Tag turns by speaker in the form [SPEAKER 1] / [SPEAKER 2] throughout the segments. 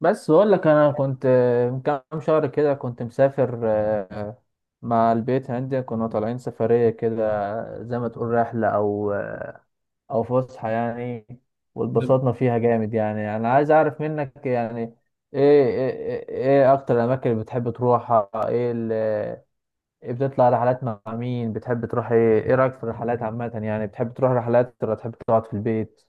[SPEAKER 1] بس بقول لك انا كنت من كام شهر كده كنت مسافر مع البيت عندي. كنا طالعين سفرية كده، زي ما تقول رحلة او فسحة يعني.
[SPEAKER 2] نعم.
[SPEAKER 1] واتبسطنا فيها جامد يعني. انا عايز اعرف منك، يعني ايه ايه, ايه إيه اكتر الاماكن اللي بتحب تروحها؟ ايه اللي بتطلع رحلات؟ مع مين بتحب تروح؟ ايه رايك في الرحلات عامة؟ يعني بتحب تروح رحلات ولا تحب تقعد في البيت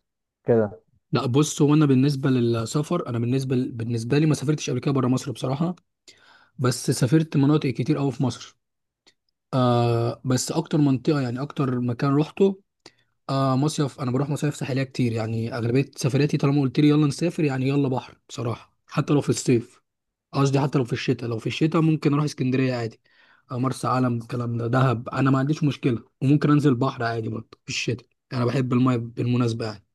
[SPEAKER 1] كده؟
[SPEAKER 2] لا، بص، هو انا بالنسبه للسفر، انا بالنسبه لي ما سافرتش قبل كده بره مصر بصراحه. بس سافرت مناطق كتير قوي في مصر. بس اكتر منطقه يعني اكتر مكان روحته، مصيف. انا بروح مصايف ساحليه كتير، يعني اغلبيه سفرياتي طالما قلت لي يلا نسافر يعني يلا بحر بصراحه، حتى لو في الصيف. قصدي حتى لو في الشتاء، لو في الشتاء ممكن اروح اسكندريه عادي. مرسى علم، الكلام ده، دهب، انا ما عنديش مشكله، وممكن انزل بحر عادي برضه في الشتاء. انا بحب المايه بالمناسبه يعني.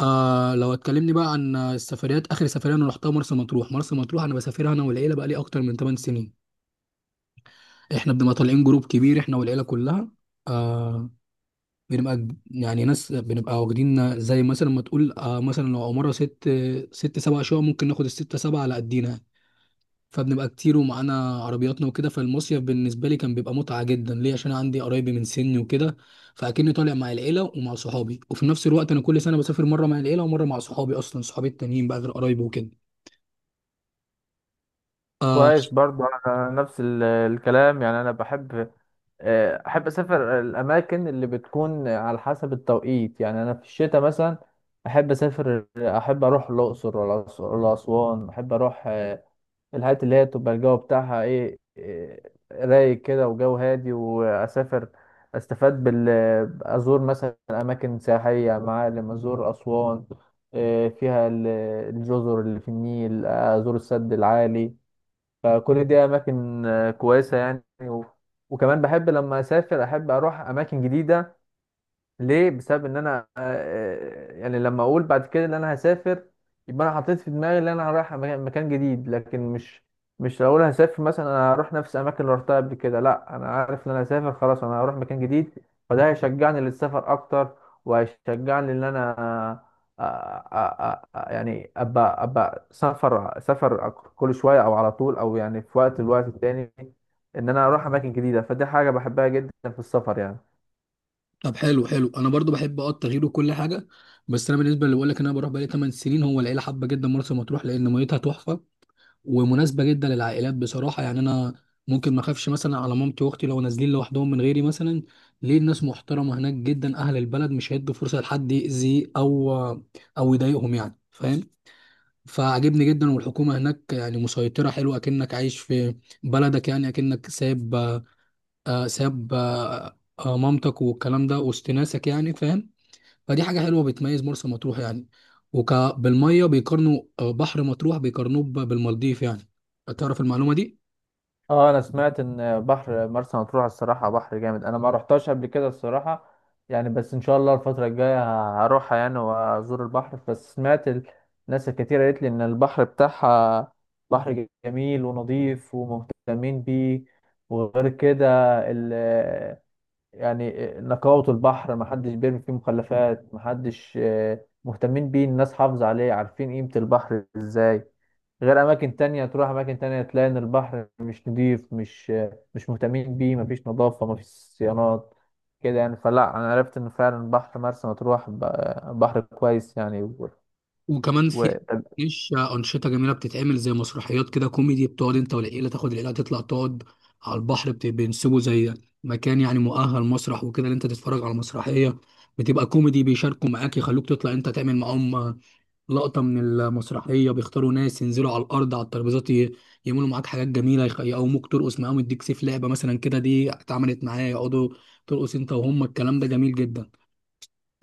[SPEAKER 2] لو اتكلمني بقى عن السفريات، اخر سفريه انا رحتها مرسى مطروح. مرسى مطروح انا بسافرها انا والعيله بقى لي اكتر من 8 سنين. احنا بنبقى طالعين جروب كبير، احنا والعيله كلها. آه يعني ناس بنبقى واخدين، زي مثلا ما تقول، آه مثلا لو مره ست سبع شقق ممكن ناخد الستة سبعة على قدينا. فبنبقى كتير ومعانا عربياتنا وكده. فالمصيف بالنسبة لي كان بيبقى متعة جدا ليه، عشان أنا عندي قرايبي من سني وكده، فأكني طالع مع العيلة ومع صحابي. وفي نفس الوقت أنا كل سنة بسافر مرة مع العيلة ومرة مع صحابي، أصلا صحابي التانيين بقى غير قرايبي وكده. آه
[SPEAKER 1] كويس. برضو انا نفس الكلام يعني. انا بحب، احب اسافر الاماكن اللي بتكون على حسب التوقيت. يعني انا في الشتاء مثلا احب اروح الاقصر ولا اسوان. احب اروح الحاجات اللي هي تبقى الجو بتاعها ايه، رايق كده وجو هادي. واسافر استفاد بال، ازور مثلا اماكن سياحيه، معالم. ازور اسوان، فيها الجزر اللي في النيل، ازور السد العالي. فكل دي اماكن كويسه يعني. وكمان بحب لما اسافر احب اروح اماكن جديده. ليه؟ بسبب ان انا، يعني لما اقول بعد كده ان انا هسافر، يبقى انا حطيت في دماغي ان انا رايح مكان جديد. لكن مش لو اقول هسافر، مثلا انا هروح نفس الاماكن اللي رحتها قبل كده. لا، انا عارف ان انا هسافر خلاص، انا هروح مكان جديد. فده هيشجعني للسفر اكتر، وهيشجعني ان انا يعني ابقى سفر سفر كل شويه او على طول، او يعني في الوقت التاني ان انا اروح اماكن جديده. فدي حاجه بحبها جدا في السفر يعني.
[SPEAKER 2] طب، حلو حلو. أنا برضو بحب أه التغيير وكل حاجة. بس أنا بالنسبة اللي بقول لك إن أنا بروح بقالي 8 سنين، هو العيلة حابة جدا مرسى مطروح لأن ميتها تحفة، ومناسبه جدا للعائلات بصراحه. يعني انا ممكن ما اخافش مثلا على مامتي واختي لو نازلين لوحدهم من غيري مثلا، ليه الناس محترمه هناك جدا، اهل البلد مش هيدوا فرصه لحد يأذي او او يضايقهم، يعني فاهم؟ فعجبني جدا، والحكومه هناك يعني مسيطره، حلوه اكنك عايش في بلدك، يعني اكنك ساب ساب مامتك والكلام ده وسط ناسك، يعني فاهم؟ فدي حاجة حلوة بتميز مرسى مطروح يعني. وك بالمية بيقارنوا، بحر مطروح بيقارنوه بالمالديف يعني. تعرف المعلومة دي؟
[SPEAKER 1] اه، انا سمعت ان بحر مرسى مطروح الصراحه بحر جامد. انا ما رحتش قبل كده الصراحه يعني، بس ان شاء الله الفتره الجايه هروحها يعني، وازور البحر. بس سمعت الناس الكتير قالت لي ان البحر بتاعها بحر جميل ونظيف ومهتمين بيه. وغير كده يعني نقاوة البحر، محدش بيرمي فيه مخلفات، محدش مهتمين بيه، الناس حافظة عليه، عارفين قيمة البحر ازاي. غير أماكن تانية، تروح أماكن تانية تلاقي إن البحر مش نضيف، مش مهتمين بيه، مفيش نظافة، مفيش صيانات كده يعني. فلا، أنا عرفت إن فعلا بحر مرسى مطروح بحر كويس يعني.
[SPEAKER 2] وكمان
[SPEAKER 1] و...
[SPEAKER 2] في، مش أنشطة جميلة بتتعمل زي مسرحيات كده كوميدي، بتقعد أنت والعيلة، تاخد العيلة تطلع تقعد على البحر، بينسبوا زي مكان يعني مؤهل مسرح وكده، اللي أنت تتفرج على مسرحية بتبقى كوميدي، بيشاركوا معاك يخلوك تطلع أنت تعمل معاهم لقطة من المسرحية. بيختاروا ناس ينزلوا على الأرض على الترابيزات، يعملوا معاك حاجات جميلة، يقوموك ترقص معاهم، يديك سيف لعبة مثلا كده، دي اتعملت معايا، يقعدوا ترقص أنت وهم، الكلام ده جميل جدا.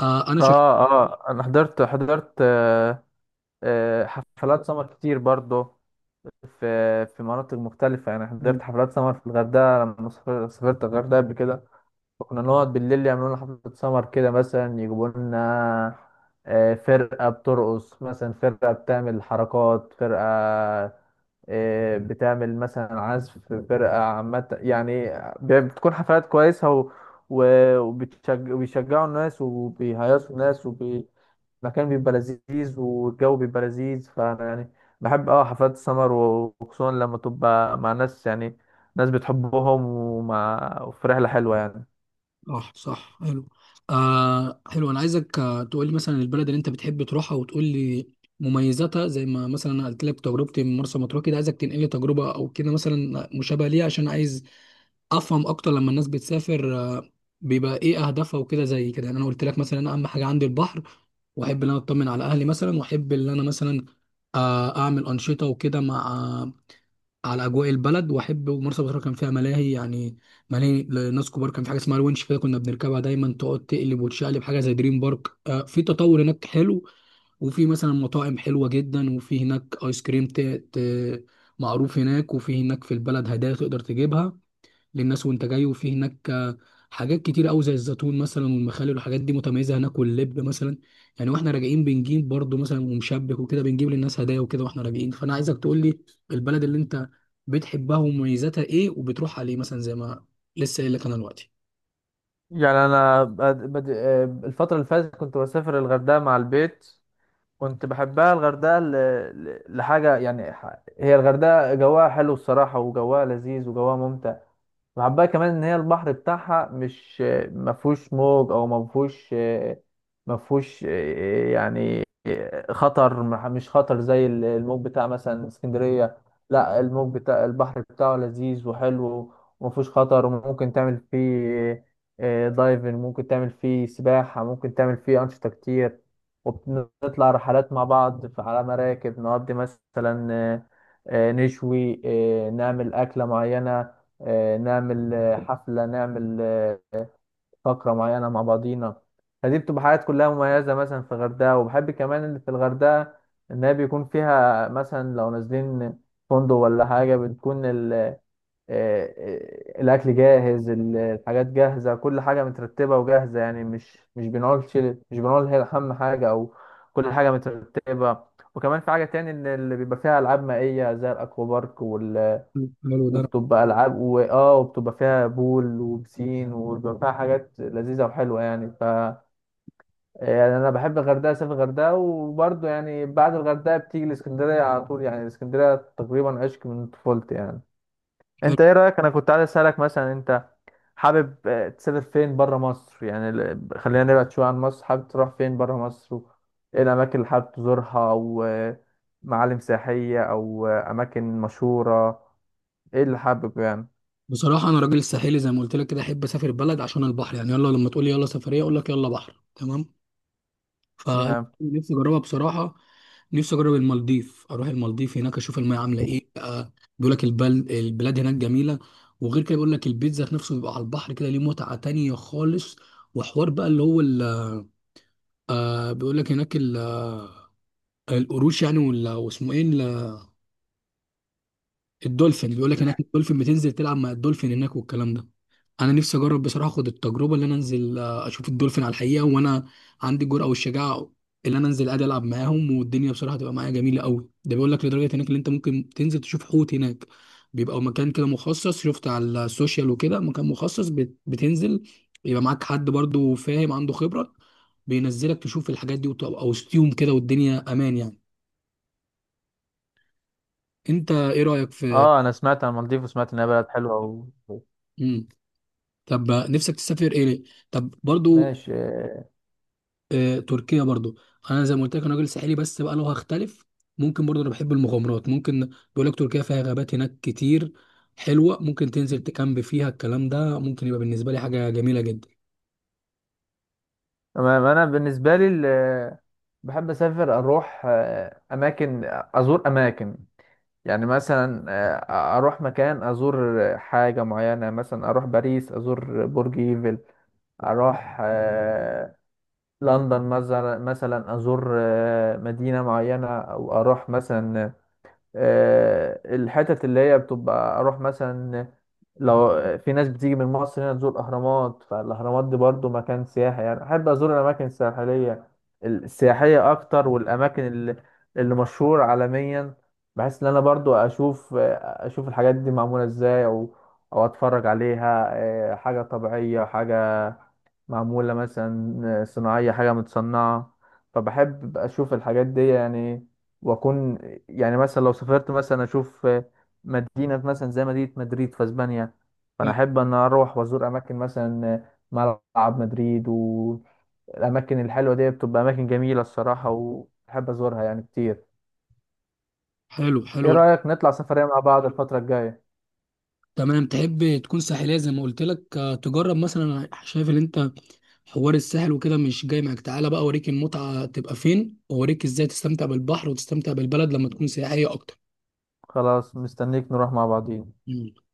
[SPEAKER 2] آه أنا شك
[SPEAKER 1] أنا حضرت حفلات سمر كتير برضه في مناطق مختلفة يعني. حضرت حفلات سمر في الغردقة لما سافرت الغردقة قبل كده. فكنا نقعد بالليل، يعملوا لنا حفلة سمر كده، مثلا يجيبوا لنا فرقة بترقص، مثلا فرقة بتعمل حركات، فرقة بتعمل مثلا عزف، فرقة عامة يعني. بتكون حفلات كويسة وبيشجعوا الناس وبيهيصوا الناس المكان بيبقى لذيذ والجو بيبقى لذيذ. فانا يعني بحب حفلات السمر، وخصوصا لما تبقى مع ناس، يعني ناس بتحبهم، وفي رحلة حلوة يعني.
[SPEAKER 2] صح صح حلو. حلو. أنا عايزك تقول لي مثلا البلد اللي أنت بتحب تروحها، وتقول لي مميزاتها، زي ما مثلا أنا قلت لك تجربتي من مرسى مطروح كده. عايزك تنقل لي تجربة أو كده مثلا مشابهة ليها، عشان عايز افهم اكتر لما الناس بتسافر بيبقى ايه اهدافها وكده. زي كده يعني، انا قلت لك مثلا انا اهم حاجه عندي البحر، واحب ان انا اطمن على اهلي مثلا، واحب ان انا مثلا اعمل انشطه وكده مع على اجواء البلد. واحب، ومرسى مطروح كان فيها ملاهي، يعني ملاهي لناس كبار، كان في حاجه اسمها الونش كده كنا بنركبها دايما، تقعد تقلب وتشقلب، حاجه زي دريم بارك. في تطور هناك حلو، وفي مثلا مطاعم حلوه جدا، وفي هناك ايس كريم معروف هناك. وفي هناك في البلد هدايا تقدر تجيبها للناس وانت جاي، وفي هناك حاجات كتير قوي زي الزيتون مثلا والمخلل والحاجات دي متميزه هناك، واللب مثلا يعني. واحنا راجعين بنجيب برضو مثلا ومشبك وكده، بنجيب للناس هدايا وكده واحنا راجعين. فانا عايزك تقول لي البلد اللي انت بتحبها ومميزاتها ايه، وبتروح عليه مثلا زي ما لسه قايل لك انا دلوقتي.
[SPEAKER 1] يعني انا بد... بد... آه، الفترة اللي فاتت كنت بسافر الغردقة مع البيت. كنت بحبها الغردقة لحاجة يعني. هي الغردقة جواها حلو الصراحة، وجواها لذيذ، وجواها ممتع. وحبها كمان ان هي البحر بتاعها، مش ما فيهوش موج او ما فيهوش يعني خطر. مش خطر زي الموج بتاع مثلا اسكندرية. لا، الموج بتاع البحر بتاعه لذيذ وحلو، وما فيهوش خطر، وممكن تعمل فيه دايفنج، ممكن تعمل فيه سباحة، ممكن تعمل فيه أنشطة كتير. وبنطلع رحلات مع بعض على مراكب، نقضي مثلا، نشوي، نعمل أكلة معينة، نعمل حفلة، نعمل فقرة معينة مع بعضينا. فدي بتبقى حاجات كلها مميزة مثلا في الغردقة. وبحب كمان اللي في الغردقة إن هي بيكون فيها مثلا لو نازلين فندق ولا حاجة، بتكون الأكل جاهز، الحاجات جاهزة، كل حاجة مترتبة وجاهزة. يعني مش بنقول شيل، مش بنقول هي أهم حاجة، أو كل حاجة مترتبة. وكمان في حاجة تاني إن اللي بيبقى فيها ألعاب مائية زي الأكوا بارك
[SPEAKER 2] حلو ده
[SPEAKER 1] وبتبقى العاب وبتبقى فيها بول وبسين، وبيبقى فيها حاجات لذيذه وحلوه يعني. يعني انا بحب الغردقه، اسافر الغردقه. وبرضه يعني بعد الغردقه بتيجي الاسكندريه على طول. يعني الاسكندريه تقريبا عشق من طفولتي يعني.
[SPEAKER 2] حلو.
[SPEAKER 1] انت ايه رايك؟ انا كنت عايز اسالك، مثلا انت حابب تسافر فين بره مصر؟ يعني خلينا نبعد شويه عن مصر. حابب تروح فين بره مصر؟ ايه الاماكن اللي حابب تزورها؟ او معالم سياحيه، او اماكن مشهوره، ايه اللي حابب يعني؟
[SPEAKER 2] بصراحه انا راجل ساحلي، زي ما قلت لك كده احب اسافر بلد عشان البحر. يعني يلا لما تقول لي يلا سفريه اقول لك يلا بحر، تمام؟
[SPEAKER 1] تمام.
[SPEAKER 2] فنفسي اجربها بصراحه. نفسي اجرب المالديف، اروح المالديف هناك اشوف الميه عامله ايه بقى. بيقول لك البلاد هناك جميله، وغير كده بيقول لك البيت ذات نفسه بيبقى على البحر كده، ليه متعه تانية خالص. وحوار بقى اللي هو ال... آه بيقول لك هناك ال... آه، القروش يعني، ولا واسمه ايه، الدولفين. بيقول لك هناك الدولفين بتنزل تلعب مع الدولفين هناك والكلام ده. انا نفسي اجرب بصراحه، اخد التجربه اللي انا انزل اشوف الدولفين على الحقيقه، وانا عندي الجرأه والشجاعه اللي انا انزل ادي العب معاهم، والدنيا بصراحه تبقى معايا جميله قوي. ده بيقول لك لدرجه هناك اللي انت ممكن تنزل تشوف حوت هناك، بيبقى مكان كده مخصص، شفت على السوشيال وكده، مكان مخصص بتنزل يبقى معاك حد برضو فاهم عنده خبره، بينزلك تشوف الحاجات دي وتبقى وسطيهم كده والدنيا امان يعني. انت ايه رايك في،
[SPEAKER 1] اه، انا سمعت عن المالديف، وسمعت انها بلد حلوه. و...
[SPEAKER 2] طب نفسك تسافر ايه ليه؟ طب برضو
[SPEAKER 1] ماشي.
[SPEAKER 2] تركيا برضو. انا زي ما قلت لك انا راجل ساحلي، بس بقى لو هختلف ممكن برضو انا بحب المغامرات. ممكن بيقول لك تركيا فيها غابات هناك كتير حلوة، ممكن تنزل تكامب فيها، الكلام ده ممكن يبقى بالنسبة لي حاجة جميلة جدا.
[SPEAKER 1] تمام، انا بالنسبه لي بحب اسافر، اروح اماكن، ازور اماكن يعني. مثلا اروح مكان، ازور حاجه معينه. مثلا اروح باريس ازور برج ايفل، اروح لندن مثلا ازور مدينه معينه، او اروح مثلا الحتت اللي هي بتبقى، اروح مثلا. لو في ناس بتيجي من مصر هنا تزور الاهرامات، فالاهرامات دي برضو مكان سياحي يعني. احب ازور الاماكن الساحليه السياحيه اكتر، والاماكن اللي مشهور عالميا، بحيث ان انا برضو اشوف الحاجات دي معموله ازاي، او اتفرج عليها. حاجه طبيعيه، حاجه معموله مثلا صناعيه، حاجه متصنعه. فبحب اشوف الحاجات دي يعني، واكون يعني مثلا لو سافرت مثلا اشوف مدينة مثلا زي مدينة مدريد في اسبانيا. فانا
[SPEAKER 2] ف-
[SPEAKER 1] احب ان اروح وازور اماكن، مثلا ملعب مدريد. والاماكن الحلوة دي بتبقى اماكن جميلة الصراحة، واحب ازورها يعني كتير.
[SPEAKER 2] حلو حلو.
[SPEAKER 1] ايه رأيك نطلع سفرية مع بعض الفترة الجاية؟
[SPEAKER 2] تمام تحب تكون ساحلية زي ما قلت لك تجرب مثلا. أنا شايف ان انت حوار الساحل وكده مش جاي معاك، تعالى بقى اوريك المتعة تبقى فين، واوريك ازاي تستمتع بالبحر وتستمتع بالبلد لما تكون سياحية اكتر.
[SPEAKER 1] خلاص، مستنيك نروح مع بعضين.
[SPEAKER 2] مم.